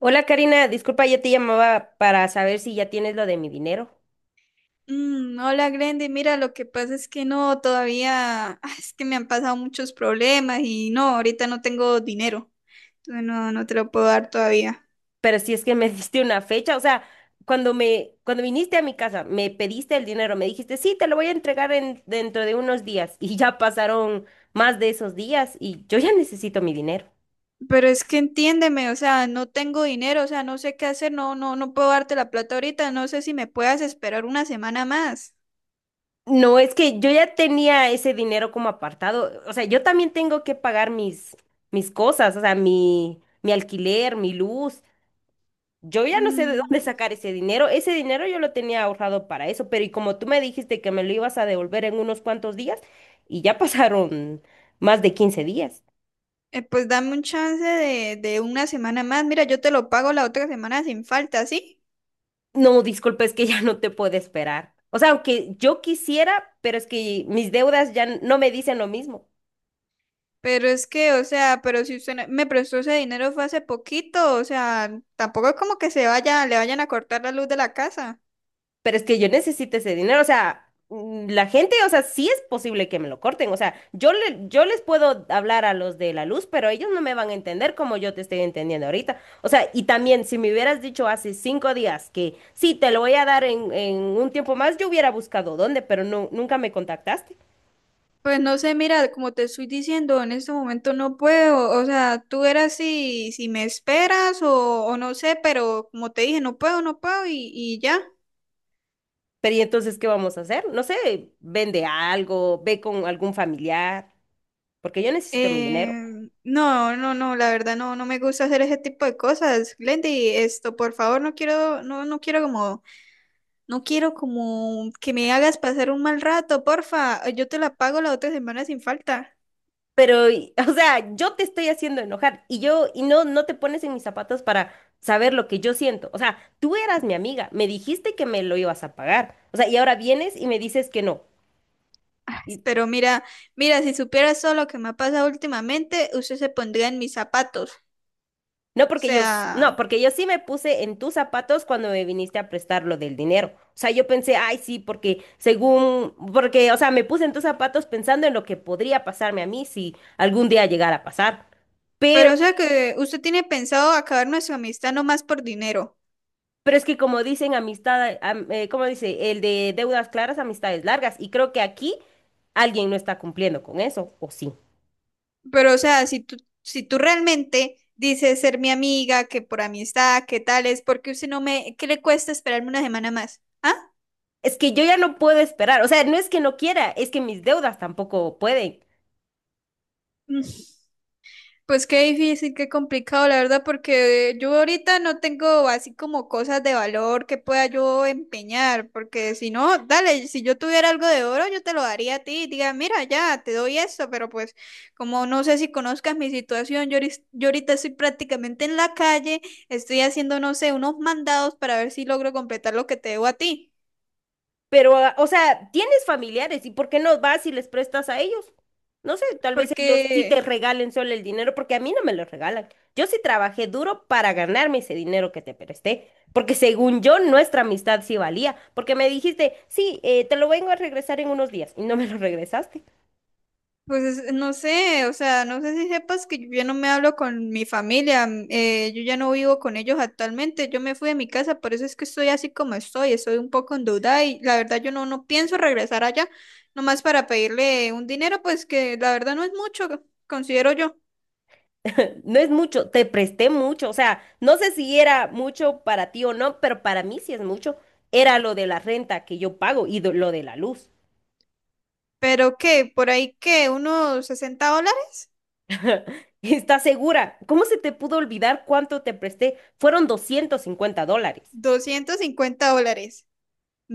Hola Karina, disculpa, yo te llamaba para saber si ya tienes lo de mi dinero, Hola, Grande. Mira, lo que pasa es que no, todavía, es que me han pasado muchos problemas y no, ahorita no tengo dinero. Entonces no, no te lo puedo dar todavía. pero si es que me diste una fecha, o sea, cuando viniste a mi casa, me pediste el dinero, me dijiste, sí, te lo voy a entregar dentro de unos días, y ya pasaron más de esos días y yo ya necesito mi dinero. Pero es que entiéndeme, o sea, no tengo dinero, o sea, no sé qué hacer, no, no, no puedo darte la plata ahorita, no sé si me puedas esperar una semana más. No, es que yo ya tenía ese dinero como apartado, o sea, yo también tengo que pagar mis cosas, o sea, mi alquiler, mi luz. Yo ya no sé de dónde Mm, sacar ese dinero. Ese dinero yo lo tenía ahorrado para eso, pero y como tú me dijiste que me lo ibas a devolver en unos cuantos días, y ya pasaron más de 15 días. pues dame un chance de una semana más. Mira, yo te lo pago la otra semana sin falta, ¿sí? No, disculpe, es que ya no te puedo esperar. O sea, aunque yo quisiera, pero es que mis deudas ya no me dicen lo mismo. Pero es que, o sea, pero si usted me prestó ese dinero fue hace poquito, o sea, tampoco es como que se vaya, le vayan a cortar la luz de la casa. Pero es que yo necesito ese dinero, o sea, la gente, o sea, sí es posible que me lo corten, o sea, yo, le, yo les puedo hablar a los de la luz, pero ellos no me van a entender como yo te estoy entendiendo ahorita, o sea, y también si me hubieras dicho hace 5 días que sí, te lo voy a dar en un tiempo más, yo hubiera buscado dónde, pero no, nunca me contactaste. Pues no sé, mira, como te estoy diciendo, en este momento no puedo, o sea, tú eras si me esperas o no sé, pero como te dije, no puedo, no puedo y ya. Pero ¿y entonces qué vamos a hacer? No sé, vende algo, ve con algún familiar, porque yo necesito mi dinero. Eh, no, no, no, la verdad no, no me gusta hacer ese tipo de cosas, Glendy, esto, por favor, no quiero, no, no quiero como. No quiero como que me hagas pasar un mal rato, porfa. Yo te la pago la otra semana sin falta. Pero, o sea, yo te estoy haciendo enojar y yo, y no, no te pones en mis zapatos para saber lo que yo siento. O sea, tú eras mi amiga, me dijiste que me lo ibas a pagar. O sea, y ahora vienes y me dices que no. Ay, Y, pero mira, mira, si supieras todo lo que me ha pasado últimamente, usted se pondría en mis zapatos. O no porque yo, no, sea, porque yo sí me puse en tus zapatos cuando me viniste a prestar lo del dinero. O sea, yo pensé, ay, sí, porque según, porque, o sea, me puse en tus zapatos pensando en lo que podría pasarme a mí si algún día llegara a pasar. pero o sea que usted tiene pensado acabar nuestra amistad nomás por dinero. Pero es que como dicen amistad, ¿cómo dice? El de deudas claras, amistades largas. Y creo que aquí alguien no está cumpliendo con eso, ¿o sí? Pero o sea, si tú realmente dices ser mi amiga, que por amistad, que tal es, porque usted no me, ¿qué le cuesta esperarme una semana más? ¿Ah? Es que yo ya no puedo esperar. O sea, no es que no quiera, es que mis deudas tampoco pueden. Pues qué difícil, qué complicado, la verdad, porque yo ahorita no tengo así como cosas de valor que pueda yo empeñar, porque si no, dale, si yo tuviera algo de oro, yo te lo daría a ti, diga, mira, ya, te doy eso pero pues como no sé si conozcas mi situación, yo ahorita estoy prácticamente en la calle, estoy haciendo, no sé, unos mandados para ver si logro completar lo que te debo a ti, Pero, o sea, tienes familiares y ¿por qué no vas y les prestas a ellos? No sé, tal vez ellos sí te porque. regalen solo el dinero porque a mí no me lo regalan. Yo sí trabajé duro para ganarme ese dinero que te presté, porque según yo nuestra amistad sí valía, porque me dijiste, sí, te lo vengo a regresar en unos días y no me lo regresaste. Pues no sé, o sea, no sé si sepas que yo ya no me hablo con mi familia, yo ya no vivo con ellos actualmente, yo me fui de mi casa, por eso es que estoy así como estoy, estoy un poco en duda y la verdad yo no, no pienso regresar allá, nomás para pedirle un dinero, pues que la verdad no es mucho, considero yo, No es mucho, te presté mucho, o sea, no sé si era mucho para ti o no, pero para mí sí es mucho. Era lo de la renta que yo pago y lo de la luz. pero que por ahí que unos $60. ¿Estás segura? ¿Cómo se te pudo olvidar cuánto te presté? Fueron $250. $250,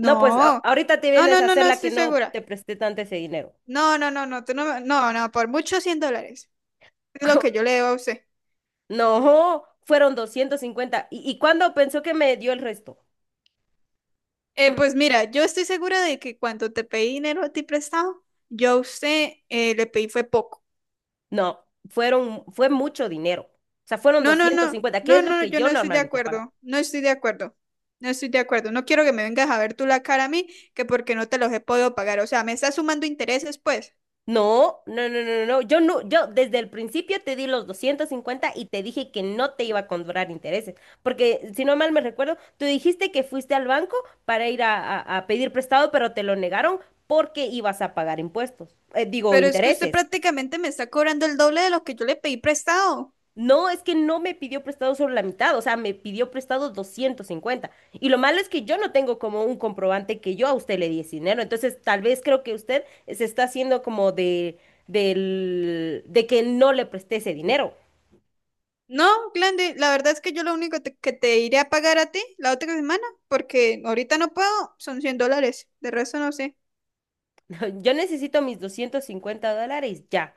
No, pues ahorita te no, vienes no, a no, no hacer la que estoy no segura, te presté tanto ese dinero. no, no, no, no, tú no, no, no, por mucho $100, es lo ¿Cómo? que yo le debo a usted. No, fueron 250. Y cuándo pensó que me dio el resto? Pues mira, yo estoy segura de que cuando te pedí dinero a ti prestado, yo a usted le pedí fue poco. No, fueron, fue mucho dinero. O sea, fueron No, no, doscientos no, cincuenta, que no, es lo no, que yo yo no estoy de normalmente pagaba. acuerdo, no estoy de acuerdo, no estoy de acuerdo. No quiero que me vengas a ver tú la cara a mí, que porque no te los he podido pagar. O sea, me está sumando intereses, pues. No, no, no, no, no. Yo no, yo desde el principio te di los 250 y te dije que no te iba a cobrar intereses, porque si no mal me recuerdo, tú dijiste que fuiste al banco para ir a pedir prestado, pero te lo negaron porque ibas a pagar impuestos, digo, Pero es que usted intereses. prácticamente me está cobrando el doble de lo que yo le pedí prestado. No, es que no me pidió prestado solo la mitad, o sea, me pidió prestado 250. Y lo malo es que yo no tengo como un comprobante que yo a usted le di ese dinero. Entonces, tal vez creo que usted se está haciendo como de que no le presté ese dinero. No, Glendy, la verdad es que yo lo único que te iré a pagar a ti la otra semana, porque ahorita no puedo, son $100, de resto no sé. Yo necesito mis $250 ya.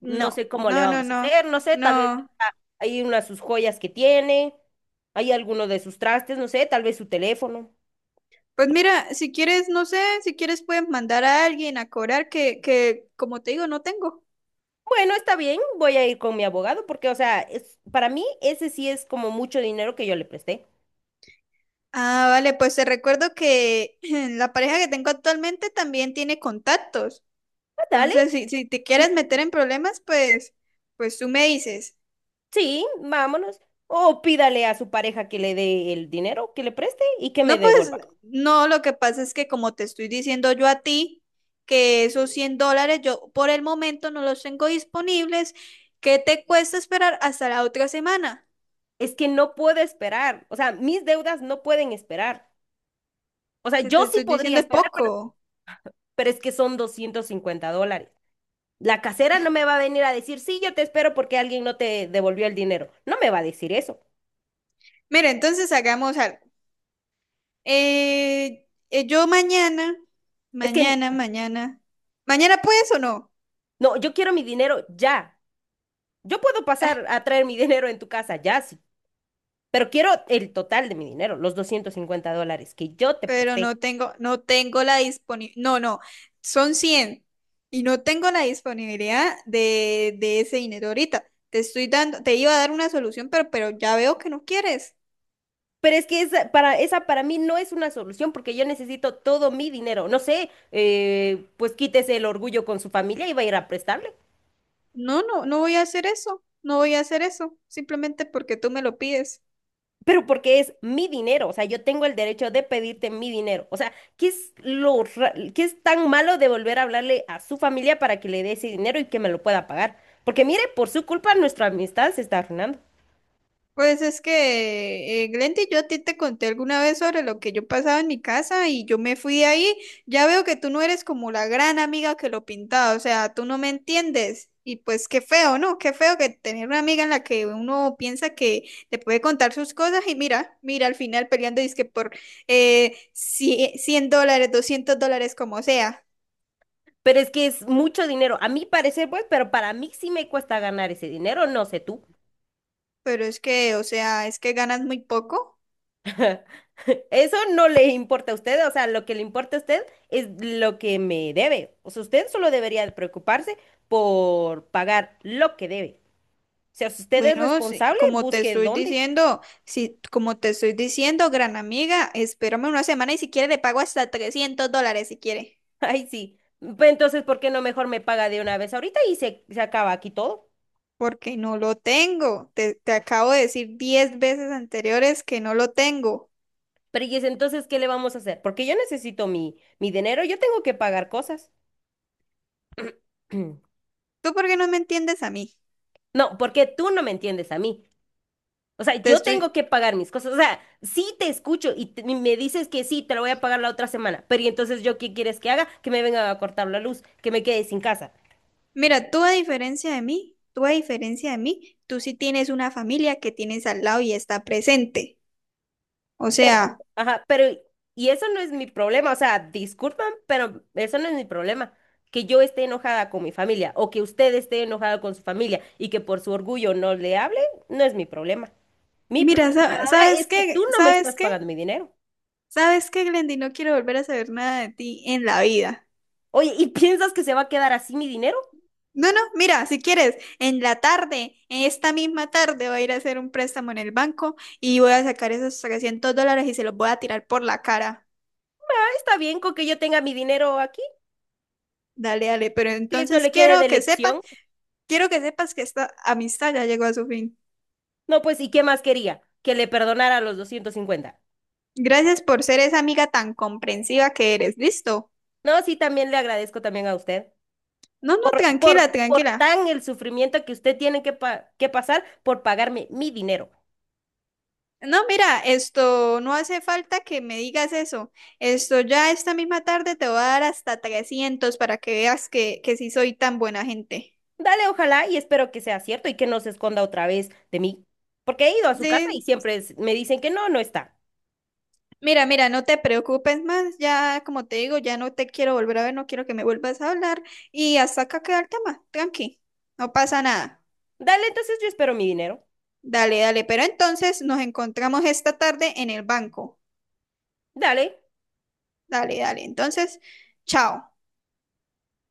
No No, sé cómo le no, no, vamos a no, hacer, no sé, no. Hay una de sus joyas que tiene, hay alguno de sus trastes, no sé, tal vez su teléfono. Pues mira, si quieres, no sé, si quieres puedes mandar a alguien a cobrar que, como te digo, no tengo. Bueno, está bien, voy a ir con mi abogado porque, o sea, es, para mí ese sí es como mucho dinero que yo le presté. Ah, vale, pues te recuerdo que la pareja que tengo actualmente también tiene contactos. Ah, dale, Entonces, si te quieres meter en problemas, pues, pues tú me dices. sí, vámonos. O pídale a su pareja que le dé el dinero que le preste y que me No, pues, devuelva. no, lo que pasa es que como te estoy diciendo yo a ti, que esos $100 yo por el momento no los tengo disponibles, ¿qué te cuesta esperar hasta la otra semana? Es que no puedo esperar, o sea, mis deudas no pueden esperar. O sea, Si te yo sí estoy podría diciendo es esperar, poco. pero es que son $250. La casera no me va a venir a decir, sí, yo te espero porque alguien no te devolvió el dinero. No me va a decir eso. Mira, entonces hagamos algo. Yo mañana, Es que mañana, mañana. ¿Mañana puedes o no? no, yo quiero mi dinero ya. Yo puedo Ah, pasar a traer mi dinero en tu casa, ya sí, pero quiero el total de mi dinero, los $250 que yo te pero presté. no tengo, no tengo la disponibilidad. No, no. Son 100. Y no tengo la disponibilidad de ese dinero ahorita. Te estoy dando, te iba a dar una solución, pero ya veo que no quieres. Pero es que esa para mí no es una solución porque yo necesito todo mi dinero. No sé, pues quítese el orgullo con su familia y va a ir a prestarle. No, no, no voy a hacer eso. No voy a hacer eso. Simplemente porque tú me lo pides. Pero porque es mi dinero, o sea, yo tengo el derecho de pedirte mi dinero. O sea, ¿qué es qué es tan malo de volver a hablarle a su familia para que le dé ese dinero y que me lo pueda pagar? Porque mire, por su culpa nuestra amistad se está arruinando. Pues es que, Glendy, yo a ti te conté alguna vez sobre lo que yo pasaba en mi casa y yo me fui de ahí. Ya veo que tú no eres como la gran amiga que lo pintaba, o sea, tú no me entiendes. Y pues qué feo, ¿no? Qué feo que tener una amiga en la que uno piensa que te puede contar sus cosas y mira, mira, al final peleando dizque por $100, $200, como sea. Pero es que es mucho dinero, a mi parecer, pues, pero para mí sí me cuesta ganar ese dinero, no sé tú. Pero es que, o sea, es que ganas muy poco. Eso no le importa a usted, o sea, lo que le importa a usted es lo que me debe. O sea, usted solo debería de preocuparse por pagar lo que debe. O sea, si usted es Bueno, sí, responsable, como te busque estoy dónde. diciendo, si, como te estoy diciendo, gran amiga, espérame una semana y si quiere le pago hasta $300 si quiere, Ay, sí. Pues entonces, ¿por qué no mejor me paga de una vez ahorita y se acaba aquí todo? porque no lo tengo. Te acabo de decir 10 veces anteriores que no lo tengo. Pero y es entonces, ¿qué le vamos a hacer? Porque yo necesito mi dinero, yo tengo que pagar cosas. ¿Tú por qué no me entiendes a mí? No, porque tú no me entiendes a mí. O sea, Te yo tengo estoy. que pagar mis cosas. O sea, sí te escucho y me dices que sí, te lo voy a pagar la otra semana. Pero ¿y entonces yo qué quieres que haga? Que me venga a cortar la luz, que me quede sin casa. Mira, tú a diferencia de mí, tú a diferencia de mí, tú sí tienes una familia que tienes al lado y está presente. O sea, Ajá, pero y eso no es mi problema. O sea, disculpan, pero eso no es mi problema. Que yo esté enojada con mi familia o que usted esté enojada con su familia y que por su orgullo no le hable, no es mi problema. Mi mira, problema ahora ¿sabes es que tú qué? no me ¿Sabes estás qué? pagando mi dinero. ¿Sabes qué, Glendy? No quiero volver a saber nada de ti en la vida. Oye, ¿y piensas que se va a quedar así mi dinero? No, no, mira, si quieres, en la tarde, en esta misma tarde, voy a ir a hacer un préstamo en el banco y voy a sacar esos 300 dólares y se los voy a tirar por la cara. Ah, está bien con que yo tenga mi dinero aquí. Dale, dale, pero Que eso entonces le quede de lección. quiero que sepas que esta amistad ya llegó a su fin. No, pues, ¿y qué más quería? Que le perdonara los 250. Gracias por ser esa amiga tan comprensiva que eres. ¿Listo? No, sí, también le agradezco también a usted No, no, tranquila, por tranquila. tan el sufrimiento que usted tiene que, que pasar por pagarme mi dinero. No, mira, esto no hace falta que me digas eso. Esto ya esta misma tarde te voy a dar hasta 300 para que veas que sí soy tan buena gente. Dale, ojalá, y espero que sea cierto y que no se esconda otra vez de mí. Porque he ido a su casa y Sí, siempre me dicen que no, no está. mira, mira, no te preocupes más. Ya, como te digo, ya no te quiero volver a ver, no quiero que me vuelvas a hablar. Y hasta acá queda el tema. Tranqui, no pasa nada. Dale, entonces yo espero mi dinero. Dale, dale. Pero entonces nos encontramos esta tarde en el banco. Dale. Dale, dale. Entonces, chao.